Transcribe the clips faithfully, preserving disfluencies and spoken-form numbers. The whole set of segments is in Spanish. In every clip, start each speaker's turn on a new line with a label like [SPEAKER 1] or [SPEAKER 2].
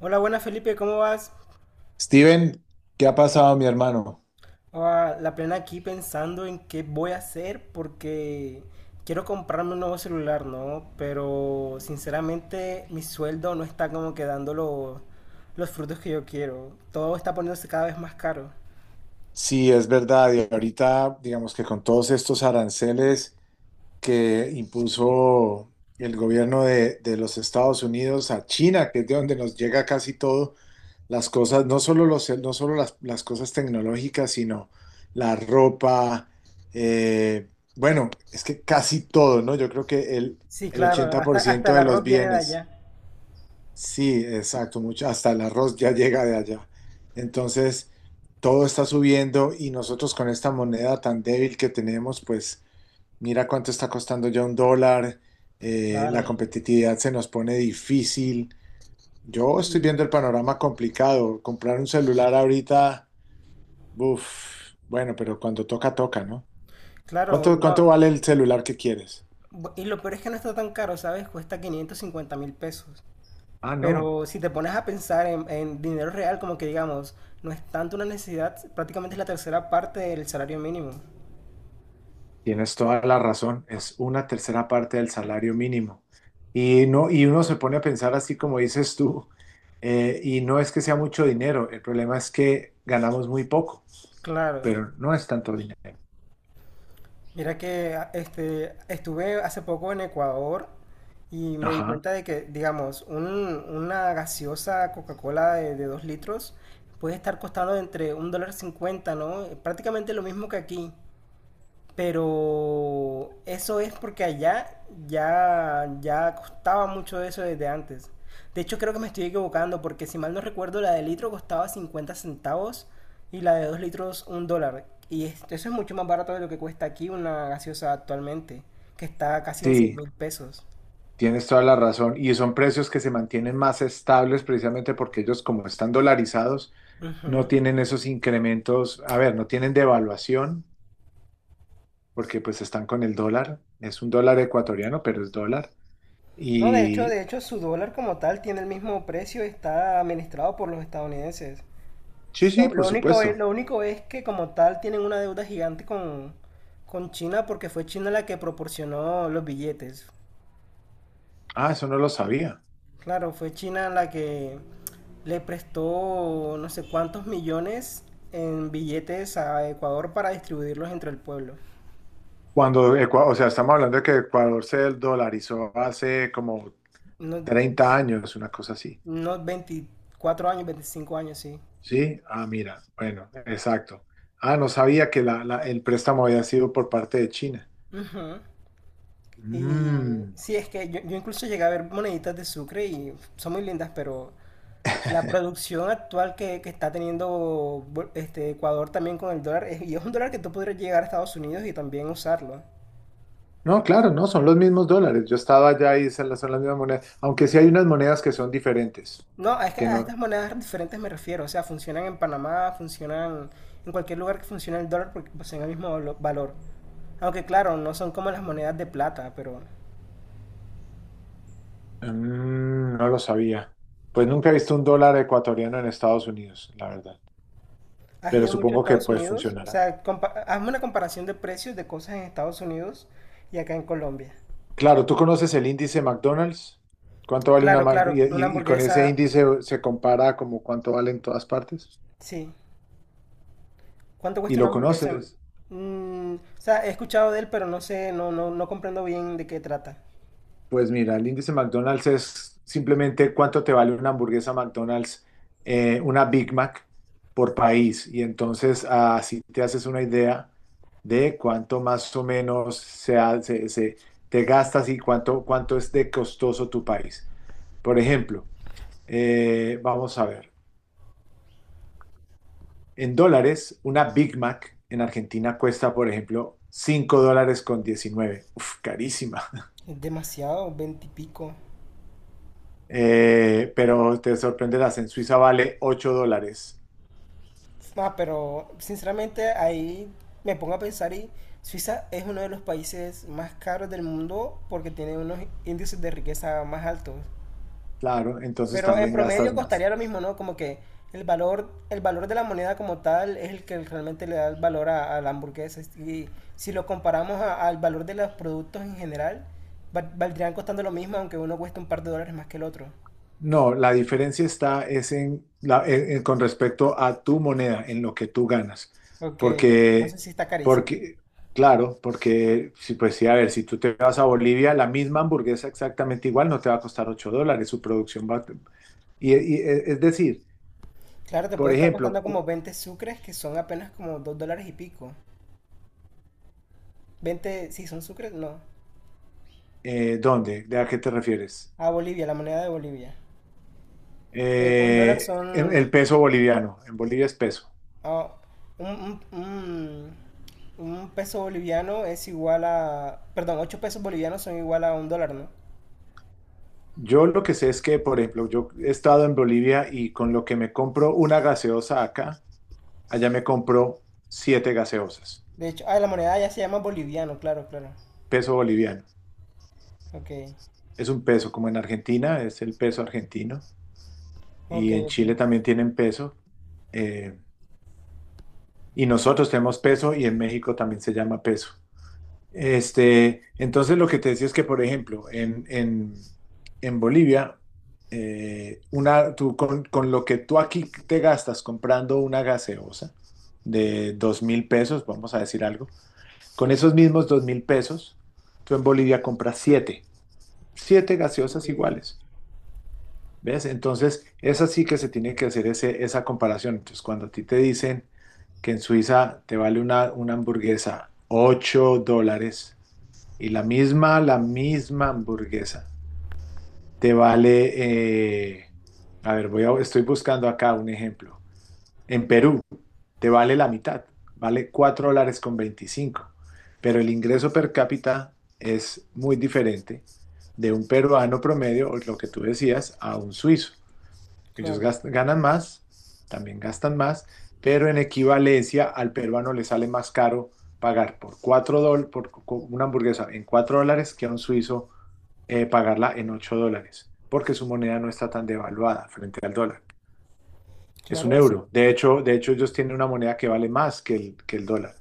[SPEAKER 1] Hola, buenas Felipe, ¿cómo vas?
[SPEAKER 2] Steven, ¿qué ha pasado, mi hermano?
[SPEAKER 1] Ah, la plena aquí pensando en qué voy a hacer porque quiero comprarme un nuevo celular, ¿no? Pero sinceramente mi sueldo no está como que dando lo- los frutos que yo quiero. Todo está poniéndose cada vez más caro.
[SPEAKER 2] Sí, es verdad, y ahorita, digamos que con todos estos aranceles que impuso el gobierno de, de los Estados Unidos a China, que es de donde nos llega casi todo, las cosas, no solo los, no solo las, las cosas tecnológicas, sino la ropa, eh, bueno, es que casi todo, ¿no? Yo creo que el,
[SPEAKER 1] Sí,
[SPEAKER 2] el
[SPEAKER 1] claro,
[SPEAKER 2] ochenta
[SPEAKER 1] hasta,
[SPEAKER 2] por
[SPEAKER 1] hasta
[SPEAKER 2] ciento
[SPEAKER 1] el
[SPEAKER 2] de los
[SPEAKER 1] arroz viene de
[SPEAKER 2] bienes.
[SPEAKER 1] allá.
[SPEAKER 2] Sí, exacto, mucho, hasta el arroz ya llega de allá. Entonces, todo está subiendo y nosotros con esta moneda tan débil que tenemos, pues mira cuánto está costando ya un dólar, eh, la
[SPEAKER 1] Claro.
[SPEAKER 2] competitividad se nos pone difícil. Yo estoy
[SPEAKER 1] Y,
[SPEAKER 2] viendo el panorama complicado. Comprar un celular ahorita, uff, bueno, pero cuando toca, toca, ¿no?
[SPEAKER 1] claro,
[SPEAKER 2] ¿Cuánto,
[SPEAKER 1] no.
[SPEAKER 2] cuánto vale el celular que quieres?
[SPEAKER 1] bu- Y lo peor es que no está tan caro, ¿sabes? Cuesta quinientos cincuenta mil pesos.
[SPEAKER 2] Ah, no.
[SPEAKER 1] Pero si te pones a pensar en, en dinero real, como que digamos, no es tanto una necesidad, prácticamente es la tercera parte del salario mínimo.
[SPEAKER 2] Tienes toda la razón, es una tercera parte del salario mínimo. Y no, y uno se pone a pensar así como dices tú, eh, y no es que sea mucho dinero, el problema es que ganamos muy poco,
[SPEAKER 1] Claro.
[SPEAKER 2] pero no es tanto dinero.
[SPEAKER 1] Mira que a- este, estuve hace poco en Ecuador y me di
[SPEAKER 2] Ajá.
[SPEAKER 1] cuenta de que, digamos, un- una gaseosa Coca-Cola de, de dos litros puede estar costando entre un dólar cincuenta, ¿no? Prácticamente lo mismo que aquí. Pero eso es porque allá ya, ya costaba mucho eso desde antes. De hecho, creo que me estoy equivocando porque si mal no recuerdo, la de litro costaba cincuenta centavos y la de dos litros un dólar. Y es- eso es mucho más barato de lo que cuesta aquí una gaseosa actualmente, que está casi en seis
[SPEAKER 2] Sí,
[SPEAKER 1] mil pesos.
[SPEAKER 2] tienes toda la razón. Y son precios que se mantienen más estables precisamente porque ellos, como están dolarizados, no
[SPEAKER 1] Ujú.
[SPEAKER 2] tienen esos incrementos, a ver, no tienen devaluación porque pues están con el dólar, es un dólar ecuatoriano, pero es dólar.
[SPEAKER 1] No, de hecho, de
[SPEAKER 2] Y,
[SPEAKER 1] hecho, su dólar como tal tiene el mismo precio, está administrado por los estadounidenses.
[SPEAKER 2] sí, sí,
[SPEAKER 1] Lo, lo
[SPEAKER 2] por
[SPEAKER 1] único es,
[SPEAKER 2] supuesto.
[SPEAKER 1] lo único es que como tal tienen una deuda gigante con, con China porque fue China la que proporcionó los billetes.
[SPEAKER 2] Ah, eso no lo sabía.
[SPEAKER 1] Claro, fue China la que le prestó no sé cuántos millones en billetes a Ecuador para distribuirlos entre el pueblo.
[SPEAKER 2] Cuando, Ecua- o sea, estamos hablando de que Ecuador se dolarizó hace como
[SPEAKER 1] Unos,
[SPEAKER 2] treinta años, una cosa así.
[SPEAKER 1] unos veinticuatro años, veinticinco años, sí.
[SPEAKER 2] Sí, ah, mira, bueno, exacto. Ah, no sabía que la- la- el préstamo había sido por parte de China.
[SPEAKER 1] Ujú. Y
[SPEAKER 2] Mm.
[SPEAKER 1] sí, es que yo, yo incluso llegué a ver moneditas de Sucre y son muy lindas, pero la producción actual que, que está teniendo bu- este Ecuador también con el dólar, es- y es un dólar que tú podrías llegar a Estados Unidos y también usarlo.
[SPEAKER 2] No, claro, no, son los mismos dólares. Yo estaba allá y se las- son las mismas monedas, aunque sí hay unas monedas que son diferentes,
[SPEAKER 1] No, es que
[SPEAKER 2] que
[SPEAKER 1] a
[SPEAKER 2] no.
[SPEAKER 1] estas monedas diferentes me refiero, o sea, funcionan en Panamá, funcionan en cualquier lugar que funcione el dólar porque poseen el mismo valo- valor. Aunque claro, no son como las monedas de plata, pero
[SPEAKER 2] Mm, no lo sabía. Pues nunca he visto un dólar ecuatoriano en Estados Unidos, la verdad,
[SPEAKER 1] ¿has
[SPEAKER 2] pero
[SPEAKER 1] ido mucho a
[SPEAKER 2] supongo que
[SPEAKER 1] Estados
[SPEAKER 2] pues
[SPEAKER 1] Unidos? O
[SPEAKER 2] funcionará.
[SPEAKER 1] sea, compa- hazme una comparación de precios de cosas en Estados Unidos y acá en Colombia.
[SPEAKER 2] Claro, ¿tú conoces el índice McDonald's? ¿Cuánto vale una
[SPEAKER 1] Claro,
[SPEAKER 2] Mac?
[SPEAKER 1] claro,
[SPEAKER 2] Y,
[SPEAKER 1] una
[SPEAKER 2] y- y con ese
[SPEAKER 1] hamburguesa,
[SPEAKER 2] índice se compara como cuánto vale en todas partes.
[SPEAKER 1] sí. ¿Cuánto
[SPEAKER 2] ¿Y
[SPEAKER 1] cuesta
[SPEAKER 2] lo
[SPEAKER 1] una hamburguesa?
[SPEAKER 2] conoces?
[SPEAKER 1] Mm, o sea, he escuchado de él, pero no sé, no, no, no comprendo bien de qué trata.
[SPEAKER 2] Pues mira, el índice McDonald's es simplemente cuánto te vale una hamburguesa McDonald's, eh, una Big Mac por país. Y entonces así te haces una idea de cuánto más o menos se, ha- se- se- te gastas y cuánto, cuánto es de costoso tu país. Por ejemplo, eh, vamos a ver. En dólares, una Big Mac en Argentina cuesta, por ejemplo, cinco dólares con diecinueve. Uf, carísima.
[SPEAKER 1] Es demasiado, veinte y pico.
[SPEAKER 2] Eh, pero te sorprenderás, en Suiza vale ocho dólares.
[SPEAKER 1] Ah, pero sinceramente ahí me pongo a pensar y Suiza es uno de los países más caros del mundo porque tiene unos índices de riqueza más altos.
[SPEAKER 2] Claro, entonces
[SPEAKER 1] Pero en
[SPEAKER 2] también gastas
[SPEAKER 1] promedio
[SPEAKER 2] más.
[SPEAKER 1] costaría lo mismo, ¿no? Como que el valor, el valor de la moneda como tal es el que realmente le da el valor a, a la hamburguesa. Y si lo comparamos a- al valor de los productos en general, val- valdrían costando lo mismo, aunque uno cueste un par de dólares más que el otro.
[SPEAKER 2] No, la diferencia está es en la- en- en- con respecto a tu moneda, en lo que tú ganas.
[SPEAKER 1] Ok,
[SPEAKER 2] Porque,
[SPEAKER 1] entonces sí está carísimo.
[SPEAKER 2] porque, claro, porque, si pues sí, a ver, si tú te vas a Bolivia, la misma hamburguesa exactamente igual no te va a costar ocho dólares, su producción va... a- Y, y- e, es decir,
[SPEAKER 1] Claro, te
[SPEAKER 2] por
[SPEAKER 1] puede estar costando
[SPEAKER 2] ejemplo,
[SPEAKER 1] como
[SPEAKER 2] cu-
[SPEAKER 1] veinte sucres, que son apenas como dos dólares y pico. Veinte, sí, son sucres, no.
[SPEAKER 2] eh, ¿dónde? ¿De a qué te refieres?
[SPEAKER 1] A Bolivia, la moneda de Bolivia. Eh, un dólar
[SPEAKER 2] Eh, el
[SPEAKER 1] son,
[SPEAKER 2] el peso boliviano. En Bolivia es peso.
[SPEAKER 1] ah, un, un- un- un peso boliviano es igual a, perdón, ocho pesos bolivianos son igual a un dólar, ¿no?
[SPEAKER 2] Yo lo que sé es que, por ejemplo, yo he estado en Bolivia y con lo que me compro una gaseosa acá, allá me compro siete gaseosas.
[SPEAKER 1] De hecho, ah, la moneda ya se llama boliviano, claro, claro.
[SPEAKER 2] Peso boliviano.
[SPEAKER 1] Ok,
[SPEAKER 2] Es un peso, como en Argentina, es el peso argentino.
[SPEAKER 1] ok,
[SPEAKER 2] Y en
[SPEAKER 1] ok.
[SPEAKER 2] Chile también tienen peso. eh, y nosotros tenemos peso y en México también se llama peso. Este, entonces lo que te decía es que, por ejemplo, en, en, en Bolivia, eh, una, tú, con, con lo que tú aquí te gastas comprando una gaseosa de dos mil pesos, vamos a decir algo, con esos mismos dos mil pesos, tú en Bolivia compras siete, siete,
[SPEAKER 1] Ok.
[SPEAKER 2] gaseosas iguales, ¿ves? Entonces, es así que se tiene que hacer ese, esa comparación. Entonces, cuando a ti te dicen que en Suiza te vale una, una hamburguesa ocho dólares, y la misma, la misma hamburguesa te vale, eh, a ver, voy a- estoy buscando acá un ejemplo. En Perú te vale la mitad, vale cuatro dólares con veinticinco, pero el ingreso per cápita es muy diferente de un peruano promedio, o lo que tú decías, a un suizo. Ellos
[SPEAKER 1] Claro,
[SPEAKER 2] gas- ganan más, también gastan más, pero en equivalencia al peruano le sale más caro pagar por cuatro dólares, por co- una hamburguesa en cuatro dólares que a un suizo eh, pagarla en ocho dólares, porque su moneda no está tan devaluada frente al dólar. Es un
[SPEAKER 1] claro, eso.
[SPEAKER 2] euro. De hecho, de hecho ellos tienen una moneda que vale más que el, que el dólar.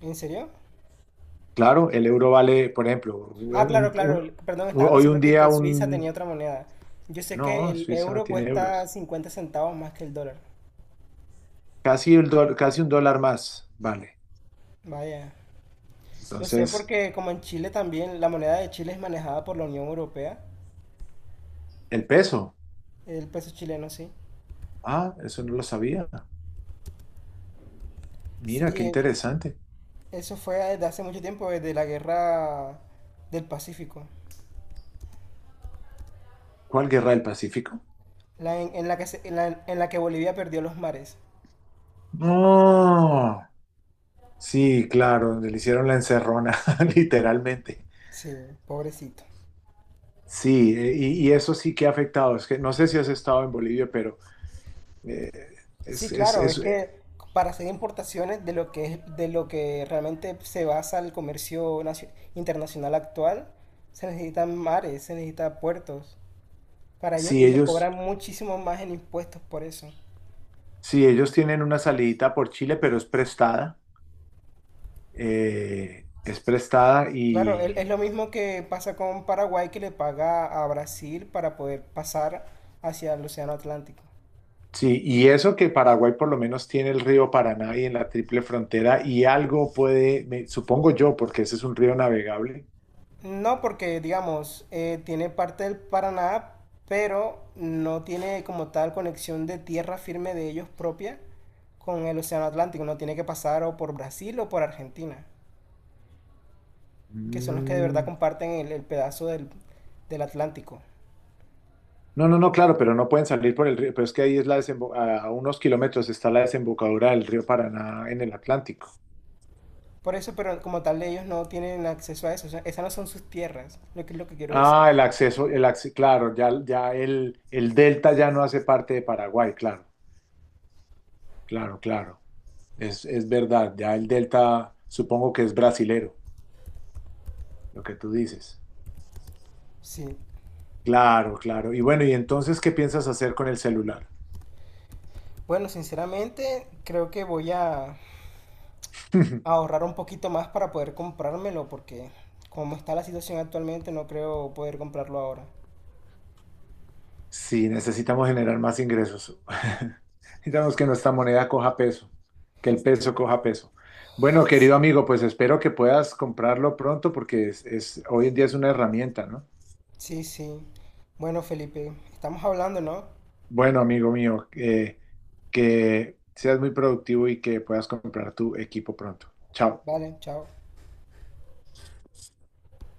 [SPEAKER 1] ¿En serio?
[SPEAKER 2] Claro, el euro vale, por ejemplo,
[SPEAKER 1] Ah, claro,
[SPEAKER 2] un-
[SPEAKER 1] claro.
[SPEAKER 2] un-
[SPEAKER 1] el- Perdón, estaba
[SPEAKER 2] hoy
[SPEAKER 1] pensando
[SPEAKER 2] un
[SPEAKER 1] que,
[SPEAKER 2] día
[SPEAKER 1] que Suiza tenía
[SPEAKER 2] un...
[SPEAKER 1] otra moneda. Yo sé que
[SPEAKER 2] No,
[SPEAKER 1] el
[SPEAKER 2] Suiza
[SPEAKER 1] euro
[SPEAKER 2] tiene
[SPEAKER 1] cuesta
[SPEAKER 2] euros.
[SPEAKER 1] cincuenta centavos más que el dólar.
[SPEAKER 2] Casi, el dol- casi un dólar más, vale.
[SPEAKER 1] Vaya. Lo sé
[SPEAKER 2] Entonces,
[SPEAKER 1] porque como en Chile también, la moneda de Chile es manejada por la Unión Europea,
[SPEAKER 2] el peso.
[SPEAKER 1] el peso chileno, sí.
[SPEAKER 2] Ah, eso no lo sabía. Mira,
[SPEAKER 1] Sí,
[SPEAKER 2] qué
[SPEAKER 1] es-
[SPEAKER 2] interesante.
[SPEAKER 1] eso fue desde hace mucho tiempo, desde la guerra del Pacífico,
[SPEAKER 2] ¿Cuál guerra del Pacífico?
[SPEAKER 1] la en, en la que se- en la, en la que Bolivia perdió los mares.
[SPEAKER 2] No. Sí, claro, donde le hicieron la encerrona, literalmente.
[SPEAKER 1] Sí, pobrecito.
[SPEAKER 2] Sí, eh, y, y eso sí que ha afectado. Es que no sé si has estado en Bolivia, pero eh,
[SPEAKER 1] Sí,
[SPEAKER 2] es, es,
[SPEAKER 1] claro, es
[SPEAKER 2] es,
[SPEAKER 1] que
[SPEAKER 2] eh,
[SPEAKER 1] para hacer importaciones de lo que es- de lo que realmente se basa el comercio nacio- internacional actual, se necesitan mares, se necesitan puertos para ello
[SPEAKER 2] si
[SPEAKER 1] y les
[SPEAKER 2] ellos,
[SPEAKER 1] cobran muchísimo más en impuestos por eso.
[SPEAKER 2] si ellos tienen una salidita por Chile, pero es prestada, eh, es prestada
[SPEAKER 1] Claro, el- es
[SPEAKER 2] y,
[SPEAKER 1] lo mismo que pasa con Paraguay que le paga a Brasil para poder pasar hacia el Océano Atlántico.
[SPEAKER 2] sí, y eso que Paraguay por lo menos tiene el río Paraná y en la triple frontera y algo puede, me- supongo yo, porque ese es un río navegable.
[SPEAKER 1] No porque, digamos, eh, tiene parte del Paraná, pero no tiene como tal conexión de tierra firme de ellos propia con el Océano Atlántico. No tiene que pasar o por Brasil o por Argentina, que son los que de verdad
[SPEAKER 2] Mm,
[SPEAKER 1] comparten el, el pedazo del, del Atlántico.
[SPEAKER 2] no, no, no, claro, pero no pueden salir por el río, pero es que ahí es la desembo- a unos kilómetros está la desembocadura del río Paraná en el Atlántico.
[SPEAKER 1] Por eso, pero como tal ellos no tienen acceso a eso. O sea, esas no son sus tierras, lo que es lo que quiero decir.
[SPEAKER 2] Ah, el acceso, el acce- claro, ya, ya el, el delta ya no hace parte de Paraguay, claro, claro, claro. Es, es verdad, ya el delta supongo que es brasilero, lo que tú dices.
[SPEAKER 1] Sí.
[SPEAKER 2] Claro, claro. Y bueno, ¿y entonces qué piensas hacer con el celular?
[SPEAKER 1] Bueno, sinceramente, creo que voy a ahorrar un poquito más para poder comprármelo porque como está la situación actualmente no creo poder comprarlo ahora.
[SPEAKER 2] Sí, necesitamos generar más ingresos. Necesitamos que nuestra moneda coja peso, que el peso coja peso. Bueno,
[SPEAKER 1] Sí,
[SPEAKER 2] querido amigo, pues espero que puedas comprarlo pronto porque es, es- hoy en día es una herramienta, ¿no?
[SPEAKER 1] sí, sí. Bueno, Felipe, estamos hablando, ¿no?
[SPEAKER 2] Bueno, amigo mío, eh, que seas muy productivo y que puedas comprar tu equipo pronto. Chao.
[SPEAKER 1] Vale, chao.